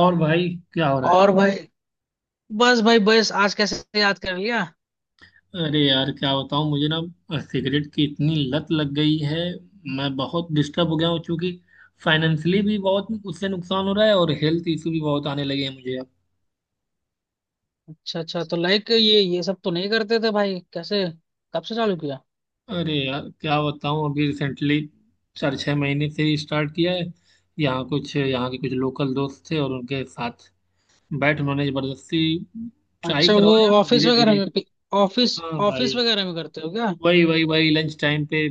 और भाई, क्या हो और रहा भाई। बस भाई, बस आज कैसे याद कर लिया? है? अरे यार, क्या बताऊं, मुझे ना सिगरेट की इतनी लत लग गई है। मैं बहुत डिस्टर्ब हो गया हूँ, क्योंकि फाइनेंशियली भी बहुत उससे नुकसान हो रहा है और हेल्थ इशू भी बहुत आने लगे हैं मुझे अब। अच्छा अच्छा, तो लाइक ये सब तो नहीं करते थे भाई। कैसे, कब से चालू किया? अरे यार क्या बताऊं, अभी रिसेंटली 4-6 महीने से ही स्टार्ट किया है। यहाँ कुछ, यहाँ के कुछ लोकल दोस्त थे और उनके साथ बैठ उन्होंने जबरदस्ती ट्राई अच्छा, वो करवाया, और ऑफिस धीरे वगैरह धीरे। में ऑफिस हाँ ऑफिस भाई। वगैरह में करते हो क्या? वही वही वही लंच टाइम पे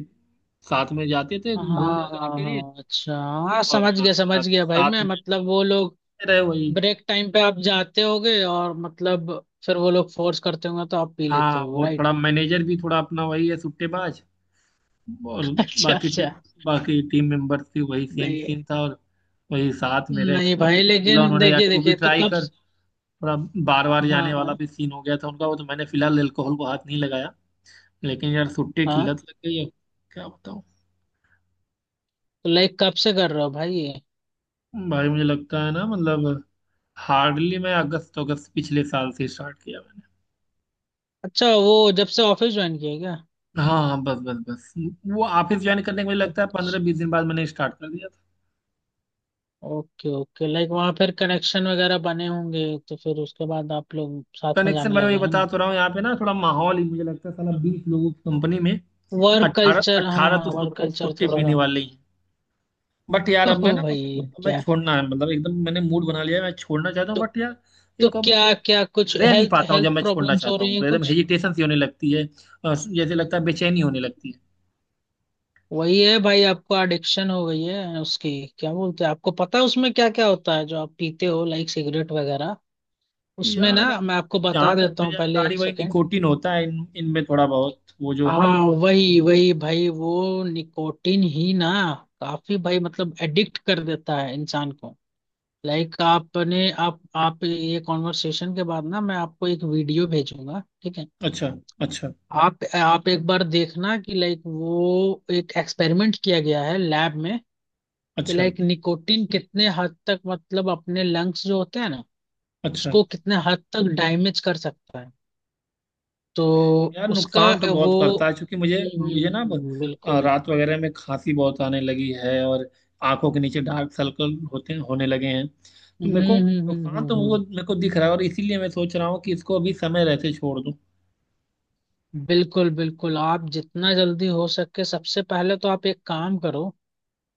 साथ में जाते थे हाँ, घूमने वगैरह हाँ, के लिए, हाँ, अच्छा। हाँ, और लाते समझ लाते गया भाई, साथ मैं में मतलब वो लोग रहे वही। ब्रेक टाइम पे आप जाते होगे और मतलब फिर वो लोग फोर्स करते होंगे, तो आप पी लेते हाँ हो, वो राइट? थोड़ा मैनेजर भी थोड़ा अपना वही है, सुट्टेबाज। और अच्छा, बाकी टीम, अच्छा। बाकी टीम मेंबर्स भी वही सेम नहीं सीन था। और वही साथ में रह के नहीं कभी भाई, बोला लेकिन उन्होंने, यार देखिए तू भी देखिए तो ट्राई कब कर स- थोड़ा। बार बार हाँ, जाने वाला हाँ, भी सीन हो गया था उनका। वो तो मैंने फिलहाल एल्कोहल को हाथ नहीं लगाया, लेकिन यार सुट्टे की हाँ। लत लग गई है। क्या बताऊँ। तो लाइक कब से कर रहे हो भाई ये? भाई मुझे लगता है ना, मतलब हार्डली मैं अगस्त, अगस्त पिछले साल से स्टार्ट किया मैंने। अच्छा, वो जब से ऑफिस ज्वाइन किया है क्या? हाँ हाँ, बस बस बस वो ऑफिस ज्वाइन करने के मुझे लगता है पंद्रह अच्छा, बीस दिन बाद मैंने स्टार्ट कर दिया था। ओके ओके, लाइक वहाँ फिर कनेक्शन वगैरह बने होंगे, तो फिर उसके बाद आप लोग साथ में कनेक्शन भाई जाने लगे, वही है बता ना? तो रहा हूँ, यहाँ पे ना थोड़ा माहौल ही, मुझे लगता है साला 20 लोगों की कंपनी में वर्क अट्ठारह कल्चर, हाँ अट्ठारह तो हाँ, वर्क कल्चर सुट्टी थोड़ा पीने सा। वाले ही हैं। बट यार ओ अब मैं ना, भाई मतलब अब मैं क्या? छोड़ना है, मतलब एकदम मैंने मूड बना लिया है, मैं छोड़ना चाहता हूँ, तो बट यार तो एक अब क्या क्या कुछ रह नहीं हेल्थ पाता हूँ। हेल्थ जब मैं छोड़ना प्रॉब्लम्स हो चाहता रही हूँ तो है एकदम कुछ? हेजिटेशन सी होने लगती है। जैसे लगता है बेचैनी होने लगती है वही है भाई, आपको एडिक्शन हो गई है उसकी। क्या बोलते हैं, आपको पता है उसमें क्या क्या होता है जो आप पीते हो, लाइक सिगरेट वगैरह? कि उसमें ना यार अब। मैं आपको बता जहाँ तक देता मुझे हूँ, पहले जानकारी, एक वही सेकेंड। निकोटिन होता है इन इनमें थोड़ा बहुत वो जो। हाँ, वही वही भाई, वो निकोटिन ही ना। काफी भाई, मतलब एडिक्ट कर देता है इंसान को। लाइक आपने आप ये कॉन्वर्सेशन के बाद ना, मैं आपको एक वीडियो भेजूंगा, ठीक है। अच्छा अच्छा। आप एक बार देखना कि लाइक वो एक एक्सपेरिमेंट किया गया है लैब में, कि अच्छा लाइक निकोटिन कितने हद तक, मतलब अपने लंग्स जो होते हैं ना, अच्छा। उसको कितने हद तक डैमेज कर सकता है। तो यार उसका नुकसान तो वो बहुत करता है, क्योंकि मुझे, बिल्कुल। रात वगैरह में खांसी बहुत आने लगी है, और आंखों के नीचे डार्क सर्कल होते, होने लगे हैं तो हम्म मेरे को हम्म हम्म नुकसान तो हम्म, वो हम्म। मेरे को दिख रहा है। और इसीलिए मैं सोच रहा हूँ कि इसको अभी समय रहते छोड़ दूँ। बिल्कुल बिल्कुल, आप जितना जल्दी हो सके, सबसे पहले तो आप एक काम करो।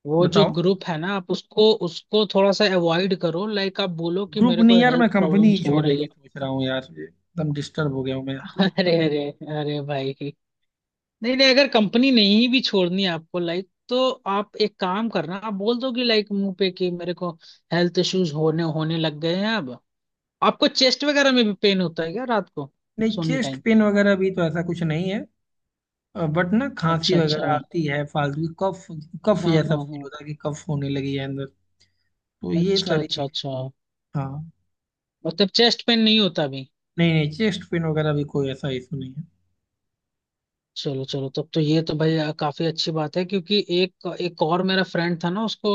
वो जो बताओ। ग्रुप है ना, आप उसको उसको थोड़ा सा अवॉइड करो, लाइक आप बोलो कि ग्रुप मेरे नहीं को यार, मैं हेल्थ कंपनी प्रॉब्लम्स ही हो छोड़ने रही की है। सोच रहा हूँ यार। एकदम डिस्टर्ब हो गया हूँ मैं यहाँ पे। अरे अरे, अरे भाई। नहीं नहीं, अगर कंपनी नहीं भी छोड़नी है आपको, लाइक तो आप एक काम करना, आप बोल दो कि लाइक मुंह पे कि मेरे को हेल्थ इश्यूज होने होने लग गए हैं अब। आपको चेस्ट वगैरह में भी पेन होता है क्या रात को नहीं, सोने चेस्ट टाइम? पेन वगैरह भी तो ऐसा कुछ नहीं है, बट ना खांसी अच्छा, अच्छा। वगैरह आती है फालतू की। कफ, कफ हाँ, जैसा हाँ, फील हाँ। होता है कि कफ होने लगी है अंदर। तो ये अच्छा, सारी अच्छा, चीज। अच्छा। हाँ। मतलब चेस्ट पेन नहीं होता अभी? नहीं नहीं, चेस्ट पेन वगैरह भी कोई ऐसा इशू नहीं है। चलो चलो, तब तो ये तो भाई काफी अच्छी बात है, क्योंकि एक एक और मेरा फ्रेंड था ना उसको,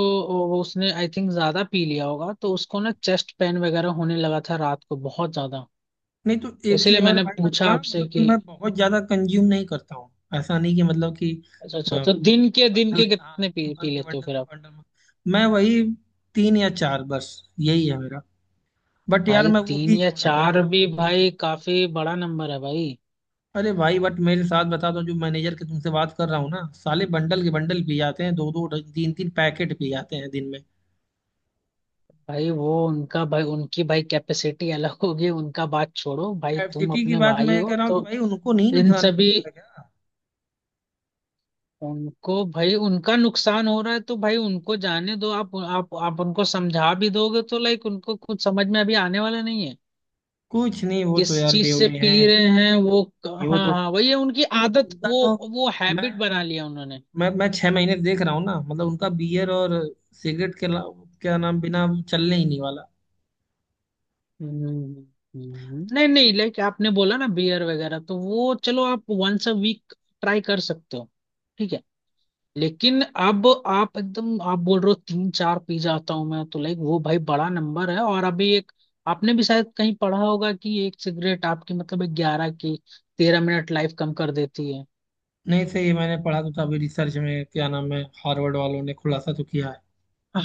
वो उसने आई थिंक ज्यादा पी लिया होगा, तो उसको ना चेस्ट पेन वगैरह होने लगा था रात को बहुत ज्यादा। नहीं तो तो एक चीज इसीलिए और है मैंने भाई, मैं पूछा थोड़ा आपसे मतलब कि कि मैं बहुत ज्यादा कंज्यूम नहीं करता हूँ। ऐसा नहीं कि मतलब कि अच्छा अ, अच्छा, तो दिन के दिन बंडल के के, हाँ। कितने पी, बन पी के लेते हो बंडल फिर आप? बंडल में मैं वही 3 या 4, बस। यही है मेरा। बट यार भाई मैं वो तीन भी या छोड़ना चार चाहता हूँ। भी भाई काफी बड़ा नंबर है भाई। अरे भाई, बट मेरे साथ बता दो, जो मैनेजर के तुमसे बात कर रहा हूँ ना, साले बंडल के बंडल पी जाते हैं, 2-2 3-3 पैकेट पी जाते हैं दिन में। भाई वो उनका भाई, उनकी भाई कैपेसिटी अलग होगी, उनका बात छोड़ो भाई, तुम कैपेसिटी की अपने बात भाई मैं कह हो रहा हूँ कि तो भाई उनको नहीं इन नुकसान सभी, करता है क्या? उनको भाई उनका नुकसान हो रहा है, तो भाई उनको जाने दो, आप उनको समझा भी दोगे तो लाइक उनको कुछ समझ में अभी आने वाला नहीं है। कुछ नहीं, वो किस तो यार चीज से बेवड़े पी हैं। रहे हैं वो? नहीं हाँ वो तो, हाँ, वही है उनकी आदत, उनका वो तो वो मैं हैबिट बना लिया उन्होंने। मैं मैं 6 महीने से देख रहा हूँ ना, मतलब उनका बियर और सिगरेट के ला- क्या नाम, बिना चलने ही नहीं वाला। हम्म, नहीं नहीं, लाइक आपने बोला ना बियर वगैरह, तो वो चलो आप वंस अ वीक ट्राई कर सकते हो, ठीक है। लेकिन अब आप एकदम आप बोल रहे हो तीन चार पी जाता हूं मैं, तो लाइक वो भाई बड़ा नंबर है। और अभी एक, आपने भी शायद कहीं पढ़ा होगा कि एक सिगरेट आपकी मतलब ग्यारह की 13 मिनट लाइफ कम कर देती है। नहीं सही है, मैंने पढ़ा तो था अभी रिसर्च में, क्या नाम है, हार्वर्ड वालों ने खुलासा तो किया है।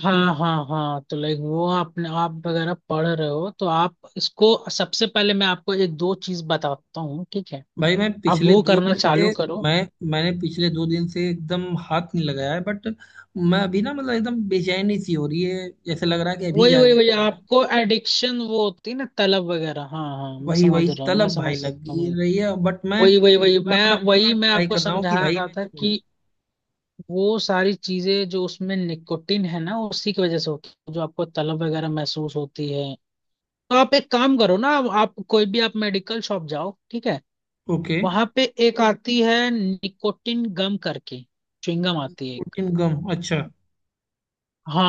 हाँ, हाँ, हाँ। तो लाइक वो आपने आप वगैरह पढ़ रहे हो, तो आप इसको, सबसे पहले मैं आपको एक दो चीज बताता हूँ, ठीक है। भाई मैं आप पिछले वो दो करना दिन से, चालू करो। मैं मैंने पिछले 2 दिन से एकदम हाथ नहीं लगाया है। बट मैं अभी ना, मतलब एकदम बेचैनी सी हो रही है, जैसे लग रहा है कि अभी वही वही जाके वही, पी लूं। आपको एडिक्शन वो होती है ना, तलब वगैरह। हाँ हाँ, मैं वही वही समझ रहा हूँ, मैं तलब समझ भाई लग सकता हूँ। रही है, बट मैं वही वही वही, मैं अपना पूरा मैं ट्राई आपको कर रहा हूँ समझा कि भाई रहा मैं था छोड़ू। कि वो सारी चीजें जो उसमें निकोटिन है ना, उसी की वजह से होती है जो आपको तलब वगैरह महसूस होती है। तो आप एक काम करो ना, आप कोई भी आप मेडिकल शॉप जाओ, ठीक है। ओके। वहां पे एक आती है निकोटिन गम करके, च्युइंगम आती है एक। कोटिन गम, अच्छा।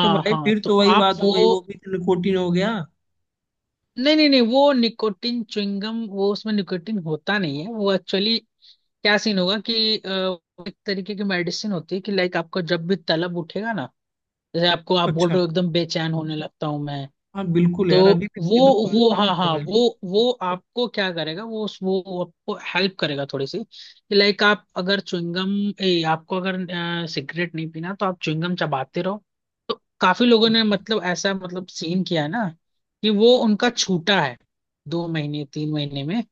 तो भाई हाँ, फिर तो तो वही आप बात हो वो, गई, वो भी निकोटिन हो गया। नहीं नहीं नहीं, वो निकोटिन च्युइंगम, वो उसमें निकोटिन होता नहीं है वो, एक्चुअली क्या सीन होगा कि एक तरीके की मेडिसिन होती है कि लाइक आपको जब भी तलब उठेगा ना, जैसे आपको, आप बोल अच्छा। रहे हो एकदम बेचैन होने लगता हूं मैं, हाँ बिल्कुल तो यार, अभी भी वो एकदम वो परेशान हाँ हो हाँ, समझ लो। वो आपको क्या करेगा, वो आपको हेल्प करेगा थोड़ी सी। लाइक आप अगर च्युइंगम, ए आपको अगर सिगरेट नहीं पीना तो आप च्युइंगम चबाते रहो। तो काफी लोगों ने ओके मतलब, ऐसा मतलब सीन किया है ना, कि वो उनका छूटा है, 2 महीने 3 महीने में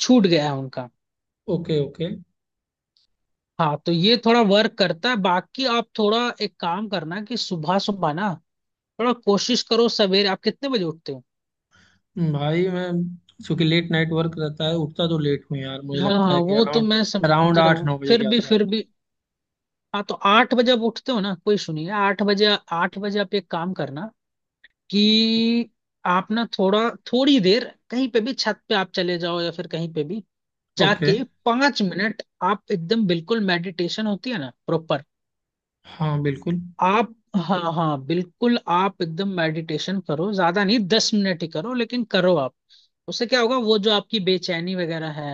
छूट गया है उनका। Okay okay. हाँ, तो ये थोड़ा वर्क करता है, बाकी आप थोड़ा एक काम करना कि सुबह सुबह ना थोड़ा कोशिश करो, सवेरे आप कितने बजे उठते हो? भाई मैं चूंकि लेट नाइट वर्क रहता है, उठता तो लेट हूँ यार, मुझे हाँ लगता हाँ, है कि वो तो अराउंड, मैं अराउंड समझ रहा आठ हूँ, नौ बजे के आसपास। फिर भी हाँ, तो 8 बजे आप उठते हो ना, कोई सुनिए, आठ बजे, आठ बजे आप एक काम करना कि आप ना थोड़ा थोड़ी देर, कहीं पे भी छत पे आप चले जाओ या फिर कहीं पे भी ओके। जाके, 5 मिनट आप एकदम बिल्कुल, मेडिटेशन होती है ना प्रॉपर। हाँ बिल्कुल। आप हाँ हाँ बिल्कुल, आप एकदम मेडिटेशन करो, ज्यादा नहीं 10 मिनट ही करो, लेकिन करो आप। उससे क्या होगा, वो जो आपकी बेचैनी वगैरह है,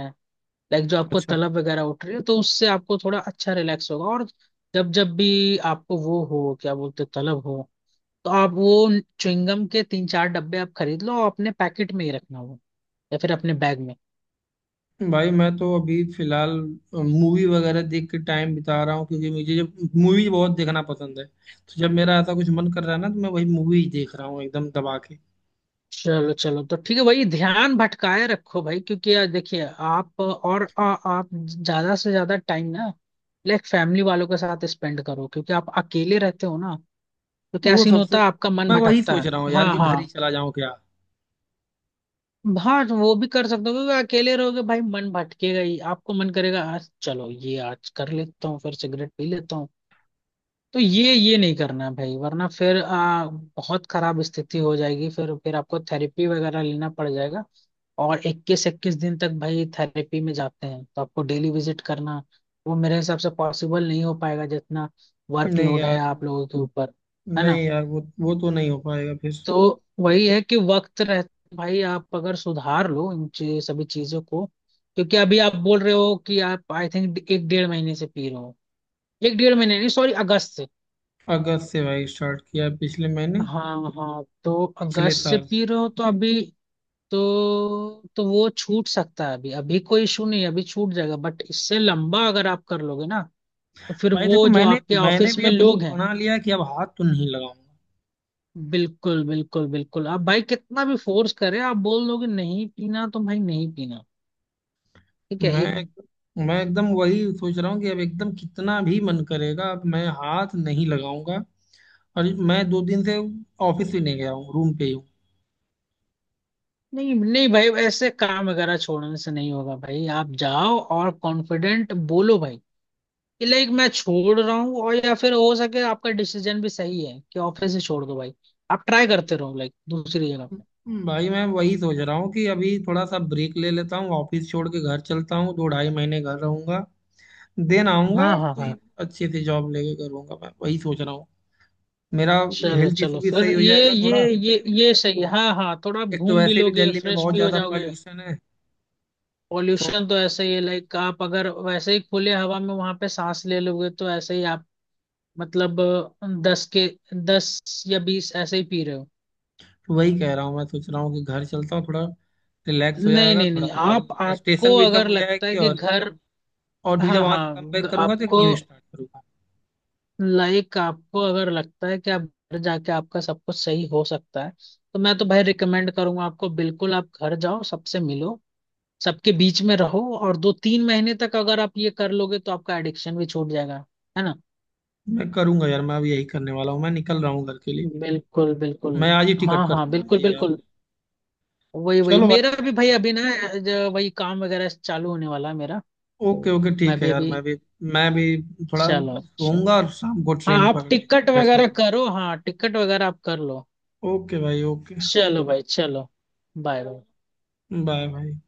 लाइक जो आपको अच्छा। तलब वगैरह उठ रही है, तो उससे आपको थोड़ा अच्छा रिलैक्स होगा। और जब जब भी आपको वो हो, क्या बोलते हैं, तलब हो, तो आप वो च्युइंगम के 3-4 डब्बे आप खरीद लो और अपने पैकेट में ही रखना वो, या फिर अपने बैग में। भाई मैं तो अभी फिलहाल मूवी वगैरह देख के टाइम बिता रहा हूँ, क्योंकि मुझे जब, मूवी बहुत देखना पसंद है, तो जब मेरा ऐसा कुछ मन कर रहा है ना तो मैं वही मूवी देख रहा हूँ एकदम दबा के। चलो चलो, तो ठीक है, वही ध्यान भटकाए रखो भाई, क्योंकि यार देखिए आप और आप ज्यादा से ज्यादा टाइम ना लाइक फैमिली वालों के साथ स्पेंड करो, क्योंकि आप अकेले रहते हो ना, तो क्या वो सीन सबसे, होता है आपका मन मैं वही भटकता सोच रहा हूँ है। यार हाँ कि घर ही हाँ, चला जाऊं क्या। हाँ तो वो भी कर सकते हो, क्योंकि अकेले रहोगे भाई मन भटकेगा ही, आपको मन करेगा आज चलो ये आज कर लेता हूँ फिर सिगरेट पी लेता हूँ। तो ये नहीं करना है भाई, वरना फिर बहुत खराब स्थिति हो जाएगी, फिर आपको थेरेपी वगैरह लेना पड़ जाएगा। और 21-21 दिन तक भाई थेरेपी में जाते हैं, तो आपको डेली विजिट करना, वो मेरे हिसाब से पॉसिबल नहीं हो पाएगा जितना नहीं वर्कलोड है यार। आप लोगों के ऊपर, है ना? नहीं यार वो तो नहीं हो पाएगा फिर। तो वही है कि वक्त रह, भाई आप अगर सुधार लो इन चे- सभी चीजों को, क्योंकि अभी आप बोल रहे हो कि आप आई थिंक एक डेढ़ महीने से पी रहे हो, एक डेढ़ महीने नहीं, सॉरी, अगस्त से। अगस्त से भाई स्टार्ट किया पिछले महीने, हाँ हाँ, तो पिछले अगस्त से साल। पी रहे हो तो अभी तो वो छूट सकता है अभी, अभी कोई इशू नहीं है, अभी छूट जाएगा, बट इससे लंबा अगर आप कर लोगे ना तो फिर भाई देखो, वो जो मैंने आपके मैंने ऑफिस भी में अब मूड लोग हैं, बना लिया कि अब हाथ तो नहीं लगाऊंगा। बिल्कुल बिल्कुल बिल्कुल, आप भाई कितना भी फोर्स करें आप बोल दोगे नहीं पीना तो भाई नहीं पीना, ठीक है। मैं एक, एक- मैं एकदम वही सोच रहा हूँ कि अब एकदम कितना भी मन करेगा, अब मैं हाथ नहीं लगाऊंगा। और मैं 2 दिन से ऑफिस भी नहीं गया हूँ, रूम पे ही हूँ। नहीं नहीं भाई ऐसे काम वगैरह छोड़ने से नहीं होगा, भाई आप जाओ और कॉन्फिडेंट बोलो भाई कि लाइक मैं छोड़ रहा हूँ, और या फिर हो सके आपका डिसीजन भी सही है कि ऑफिस से छोड़ दो भाई, आप ट्राई करते रहो लाइक दूसरी जगह पे। भाई मैं वही सोच रहा हूँ कि अभी थोड़ा सा ब्रेक ले लेता हूँ, ऑफिस छोड़ के घर चलता हूँ, 2-2.5 महीने घर रहूंगा। देन आऊंगा हाँ, और हाँ, कोई हाँ। अच्छे से जॉब लेके करूंगा, मैं वही सोच रहा हूँ। मेरा चलो हेल्थ इशू चलो, भी फिर सही हो ये जाएगा थोड़ा। ये ये ये सही है, हाँ हाँ, थोड़ा आप एक तो घूम भी वैसे भी लोगे दिल्ली में फ्रेश बहुत भी हो ज्यादा जाओगे। पॉल्यूशन है। सो पॉल्यूशन तो ऐसे ही है, लाइक आप अगर वैसे ही खुले हवा में वहां पे सांस ले लोगे तो ऐसे ही आप मतलब दस के 10 या 20 ऐसे ही पी रहे हो। वही कह रहा हूँ, मैं सोच रहा हूँ कि घर चलता हूँ, थोड़ा रिलैक्स हो नहीं जाएगा नहीं थोड़ा नहीं, सा, आप फ्रस्ट्रेशन आपको भी कम अगर हो लगता है जाएगी। कि घर, और फिर जब हाँ वहां से हाँ, कम बैक ग- करूंगा, तो एक आपको, न्यू स्टार्ट करूंगा। लाइक आपको अगर लगता है कि आप घर जाके आपका सब कुछ सही हो सकता है, तो मैं तो भाई रिकमेंड करूंगा आपको, बिल्कुल आप घर जाओ, सबसे मिलो, सबके बीच में रहो, और 2-3 महीने तक अगर आप ये कर लोगे तो आपका एडिक्शन भी छूट जाएगा, है ना? मैं करूंगा यार, मैं अब यही करने वाला हूँ, मैं निकल रहा हूँ घर के लिए। बिल्कुल बिल्कुल। मैं आज ही हाँ टिकट हाँ करता हूँ आज बिल्कुल ही यार। बिल्कुल, वही वही चलो मेरा भी भाई। भाई अभी ना, ज- वही काम वगैरह चालू होने वाला है मेरा, तो ओके ओके मैं ठीक है भी यार, अभी, मैं भी थोड़ा चलो, अच्छा। सोऊंगा और शाम को हाँ, ट्रेन आप पकड़ के टिकट घर चलता वगैरह हूँ। करो, हाँ टिकट वगैरह आप कर लो। ओके भाई ओके। चलो भाई, चलो, बाय बाय। बाय भाई।